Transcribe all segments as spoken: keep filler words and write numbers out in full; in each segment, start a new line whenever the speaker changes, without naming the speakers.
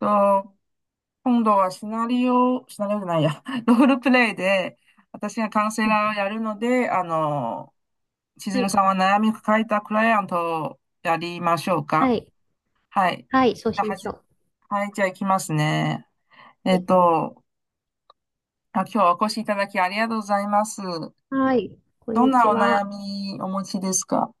と、今度はシナリオ、シナリオじゃないや、ロールプレイで、私がカウンセ
う
ラーを
ん
やるので、あの、千
は
鶴
い、
さんは悩みを抱えたクライアントをやりましょう
は
か。
い、
はい。
はい、そうし
は
まし
じ、
ょ
はい、じゃあ行きますね。
う。
え
は
っ
い、
と、あ、今日はお越しいただきありがとうございます。
はい、こん
どん
にち
なお悩
は。
みお持ちですか？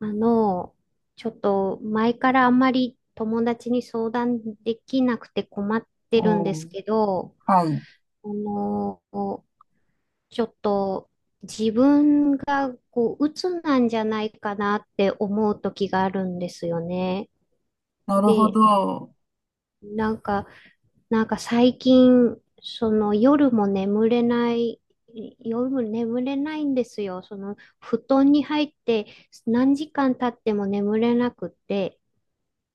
あの、ちょっと前からあんまり友達に相談できなくて困ってるん
お
です
ー、
けど、
はい。
あの、ちょっと自分がこう、鬱なんじゃないかなって思う時があるんですよね。
なるほ
で、
ど。
なんかなんか最近、その夜も眠れない、夜も眠れないんですよ。その布団に入って何時間経っても眠れなくて、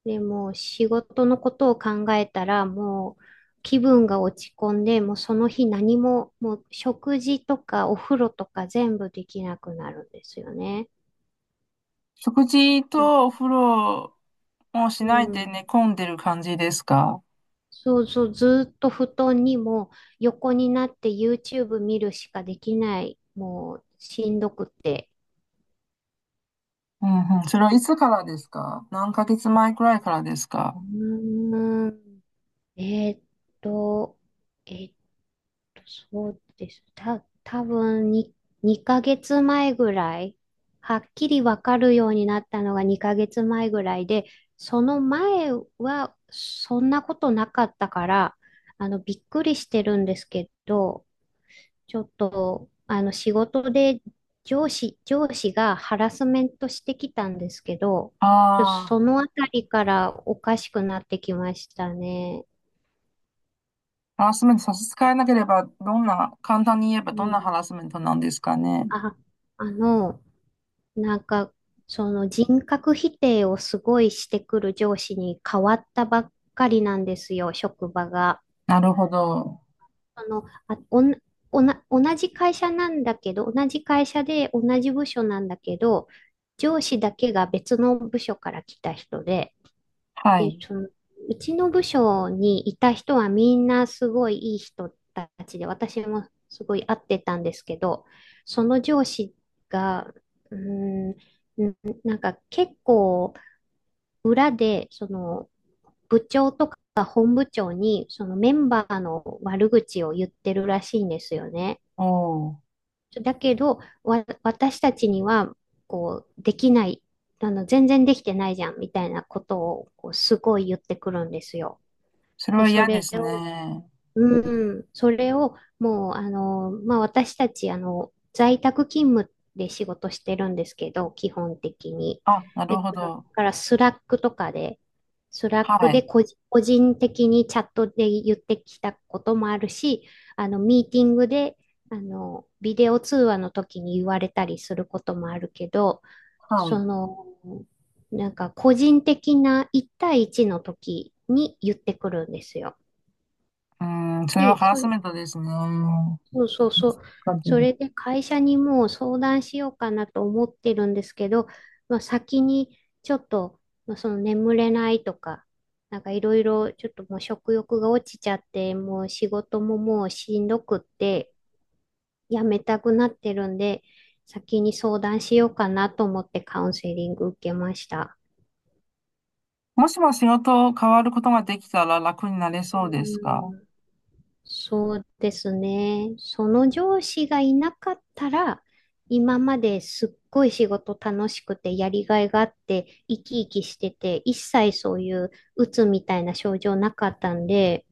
でもう仕事のことを考えたらもう気分が落ち込んで、もうその日何も、もう食事とかお風呂とか全部できなくなるんですよね。
食事とお風呂も
う
しないで
ん。
寝込んでる感じですか？
そうそう、ずーっと布団にも横になって YouTube 見るしかできない。もうしんどくて。
うんうん。それはいつからですか？何ヶ月前くらいからですか？
うーん。えーっと、えーっと、そうです。た、多分ににかげつまえぐらい、はっきりわかるようになったのがにかげつまえぐらいで、その前はそんなことなかったから、あの、びっくりしてるんですけど、ちょっと、あの、仕事で上司、上司がハラスメントしてきたんですけど、ちょっと
あ
そ
あ、
のあたりからおかしくなってきましたね。
ハラスメント差し支えなければ、どんな、簡単に言えば
う
どん
ん。
なハラスメントなんですかね。
あ、あの、なんか、その人格否定をすごいしてくる上司に変わったばっかりなんですよ、職場が。
なるほど。
あの、あ、おん、おな、同じ会社なんだけど、同じ会社で同じ部署なんだけど、上司だけが別の部署から来た人で、
は
で、
い。
その、うちの部署にいた人はみんなすごいいい人たちで、私もすごい合ってたんですけど、その上司が、うーん、んなんか結構裏で、その、部長とか本部長にそのメンバーの悪口を言ってるらしいんですよね。
お、お、
だけど、わ、私たちにはこうできない、あの全然できてないじゃんみたいなことをこうすごい言ってくるんですよ。
それ
で、
は
そ
嫌で
れ
す
を
ね。
うん、それをもうあの、まあ、私たちあの在宅勤務で仕事してるんですけど、基本的に。
あ、なる
でだ
ほど。
からスラックとかで、スラッ
は
クで
い。
個人個人的にチャットで言ってきたこともあるし、あのミーティングであのビデオ通話の時に言われたりすることもあるけど、
は
そ
い。
の、なんか個人的ないち対いちの時に言ってくるんですよ。
うん、それは
で、
ハラ
そ
スメントですね。
そうそうそう。
確か
そ
に。
れで会社にもう相談しようかなと思ってるんですけど、まあ、先にちょっと、まあ、その眠れないとか、なんかいろいろちょっともう食欲が落ちちゃって、もう仕事ももうしんどくってやめたくなってるんで、先に相談しようかなと思ってカウンセリング受けました。
もしも仕事を変わることができたら楽になれ
う
そうですか？
ん、そうですね。その上司がいなかったら、今まですっごい仕事楽しくてやりがいがあって、生き生きしてて、一切そういう鬱みたいな症状なかったんで、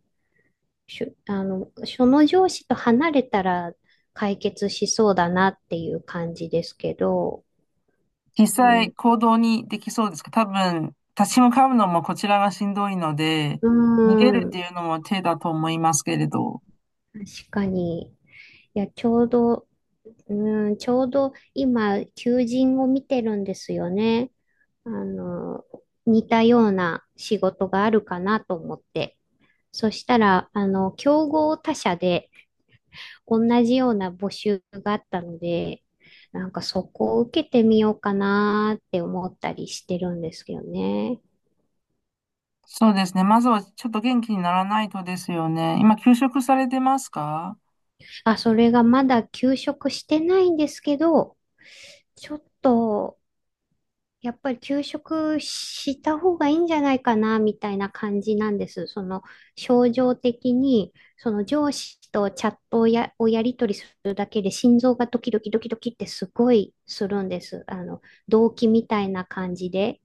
しゅあの、その上司と離れたら解決しそうだなっていう感じですけど、
実
う
際
ん、
行動にできそうですか？多分、立ち向かうのもこちらがしんどいので、
うー
逃げるって
ん、
いうのも手だと思いますけれど。
確かに。いや、ちょうど、うん、ちょうど今、求人を見てるんですよね。あの、似たような仕事があるかなと思って。そしたら、あの、競合他社で同じような募集があったので、なんかそこを受けてみようかなって思ったりしてるんですよね。
そうですね。まずはちょっと元気にならないとですよね。今、休職されてますか？
あ、それがまだ休職してないんですけど、ちょっとやっぱり休職した方がいいんじゃないかな、みたいな感じなんです。その、症状的に、その上司とチャットをや、をやり取りするだけで心臓がドキドキドキドキってすごいするんです。あの、動悸みたいな感じで。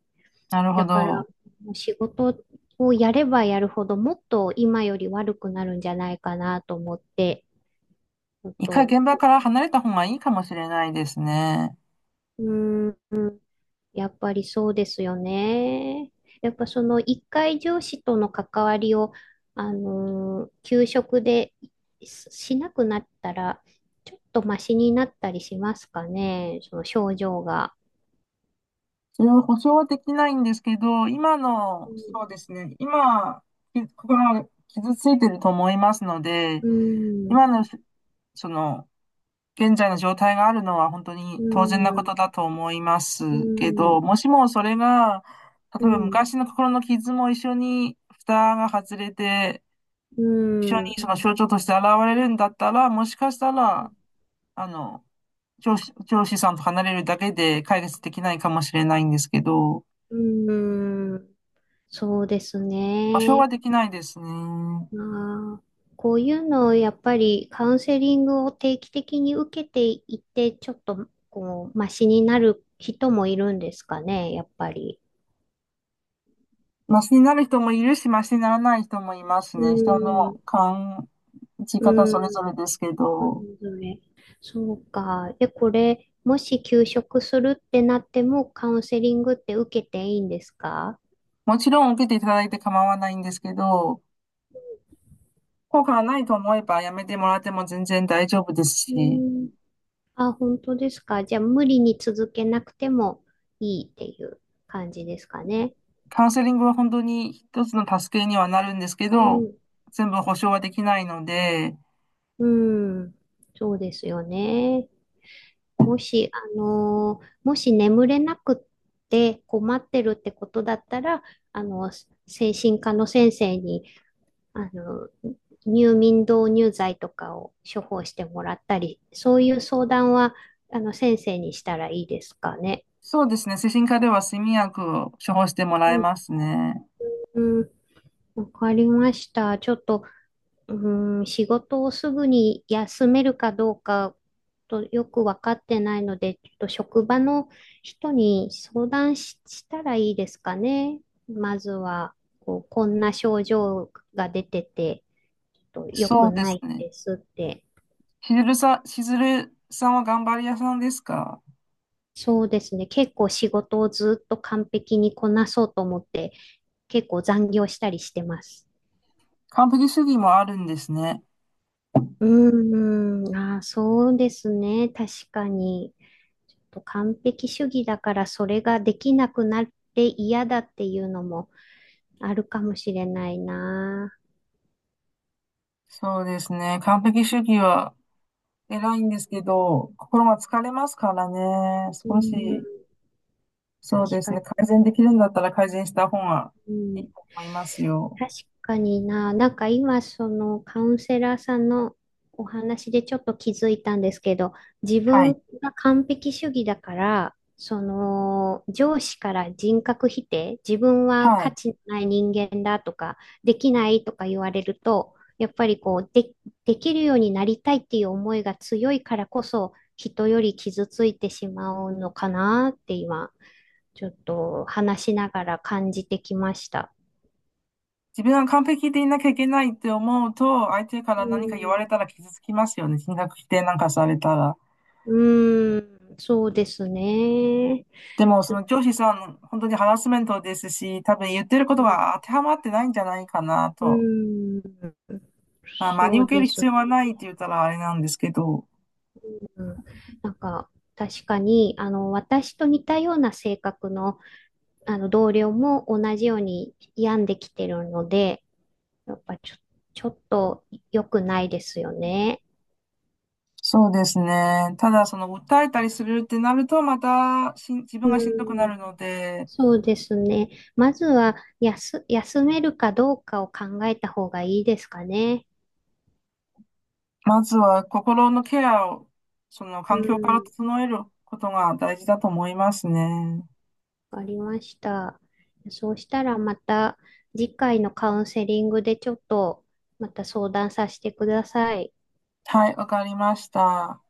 なるほ
だから、
ど。
もう仕事をやればやるほど、もっと今より悪くなるんじゃないかなと思って、ちょっ
一回
と、
現場から離れた方がいいかもしれないですね。
うーん。やっぱりそうですよね。やっぱその一回上司との関わりを、あのー給食でししなくなったら、ちょっとマシになったりしますかね、その症状が。
それは保証はできないんですけど、今の、そうですね。今、き心が傷ついてると思いますので、
うん、うん、
今の、その、現在の状態があるのは本当に
う
当然なこ
ん、
とだと思いま
う
すけ
ん、
ど、もしもそれが、
う
例えば
ん、
昔の心の傷も一緒に蓋が外れて、
う
一緒
ん、
にその象徴として現れるんだったら、もしかしたら、あの、上司、上司さんと離れるだけで解決できないかもしれないんですけど、
うんそうです
保証は
ね。
できないですね。
ああ、こういうのをやっぱりカウンセリングを定期的に受けていって、ちょっとこう、マシになる人もいるんですかね、やっぱり。
マシになる人もいるし、マシにならない人もいます
う
ね。人の
ーん、
感じ
う
方
ーん、
それぞれですけ
そ
ど。
れぞれ。そうか。で、これ、もし休職するってなっても、カウンセリングって受けていいんですか？
もちろん受けていただいて構わないんですけど、効果がないと思えばやめてもらっても全然大丈夫です
う
し、
ーん、あ、本当ですか。じゃあ、無理に続けなくてもいいっていう感じですかね。
カウンセリングは本当に一つの助けにはなるんですけ
う
ど、
ん
全部保証はできないので、
うん、そうですよね。もし、あのーもし眠れなくって困ってるってことだったら、あの、精神科の先生に、あの、入眠導入剤とかを処方してもらったり、そういう相談は、あの、先生にしたらいいですかね。
そうですね、精神科では睡眠薬を処方しても
う
らえ
ん、
ますね。
うん、わかりました。ちょっと、うーん、仕事をすぐに休めるかどうかとよく分かってないので、ちょっと職場の人に相談し、したらいいですかね。まずは、こう、こんな症状が出てて、ちょっと良
そ
く
うで
な
す
い
ね。
ですって。
しずるさん、しずるさんは頑張り屋さんですか？
そうですね。結構仕事をずっと完璧にこなそうと思って、結構残業したりしてます。
完璧主義もあるんですね。
うーん、あー、そうですね。確かに。ちょっと完璧主義だからそれができなくなって嫌だっていうのもあるかもしれないな。
そうですね。完璧主義は偉いんですけど、心が疲れますからね。
う
少
ん、
し、そう
確
ですね。
か
改善できるんだったら改善した方が
う
いい
ん。
と思いますよ。
確かにな、なんか今そのカウンセラーさんのお話でちょっと気づいたんですけど、自
は
分
い。
が完璧主義だから、その上司から人格否定、自分は
は
価
い。
値のない人間だとか、できないとか言われると、やっぱりこうで、できるようになりたいっていう思いが強いからこそ、人より傷ついてしまうのかなって今、ちょっと話しながら感じてきました。
自分は完璧でいなきゃいけないって思うと、相手か
う
ら何か言わ
ん、
れたら傷つきますよね。人格否定なんかされたら。
うーん、そうですね。
でも、
ち
そ
ょ、
の上司さん、本当にハラスメントですし、多分言ってる
う
こと
ん、
が当てはまってないんじゃないかなと。
うん
まあ、真
そ
に
う
受け
で
る
す
必
ね。
要はないって言ったらあれなんですけど。
うん、なんか、確かに、あの、私と似たような性格の、あの、同僚も同じように病んできてるので、やっぱちょ、ちょっと良くないですよね。
そうですね。ただ、その、訴えたりするってなると、またしん、自分
う
がしんどくな
ん、
るので、
そうですね。まずは、休、休めるかどうかを考えた方がいいですかね。
まずは心のケアを、その
う
環境から
ん
整えることが大事だと思いますね。
わかりました。そうしたらまた次回のカウンセリングでちょっとまた相談させてください。
はい、わかりました。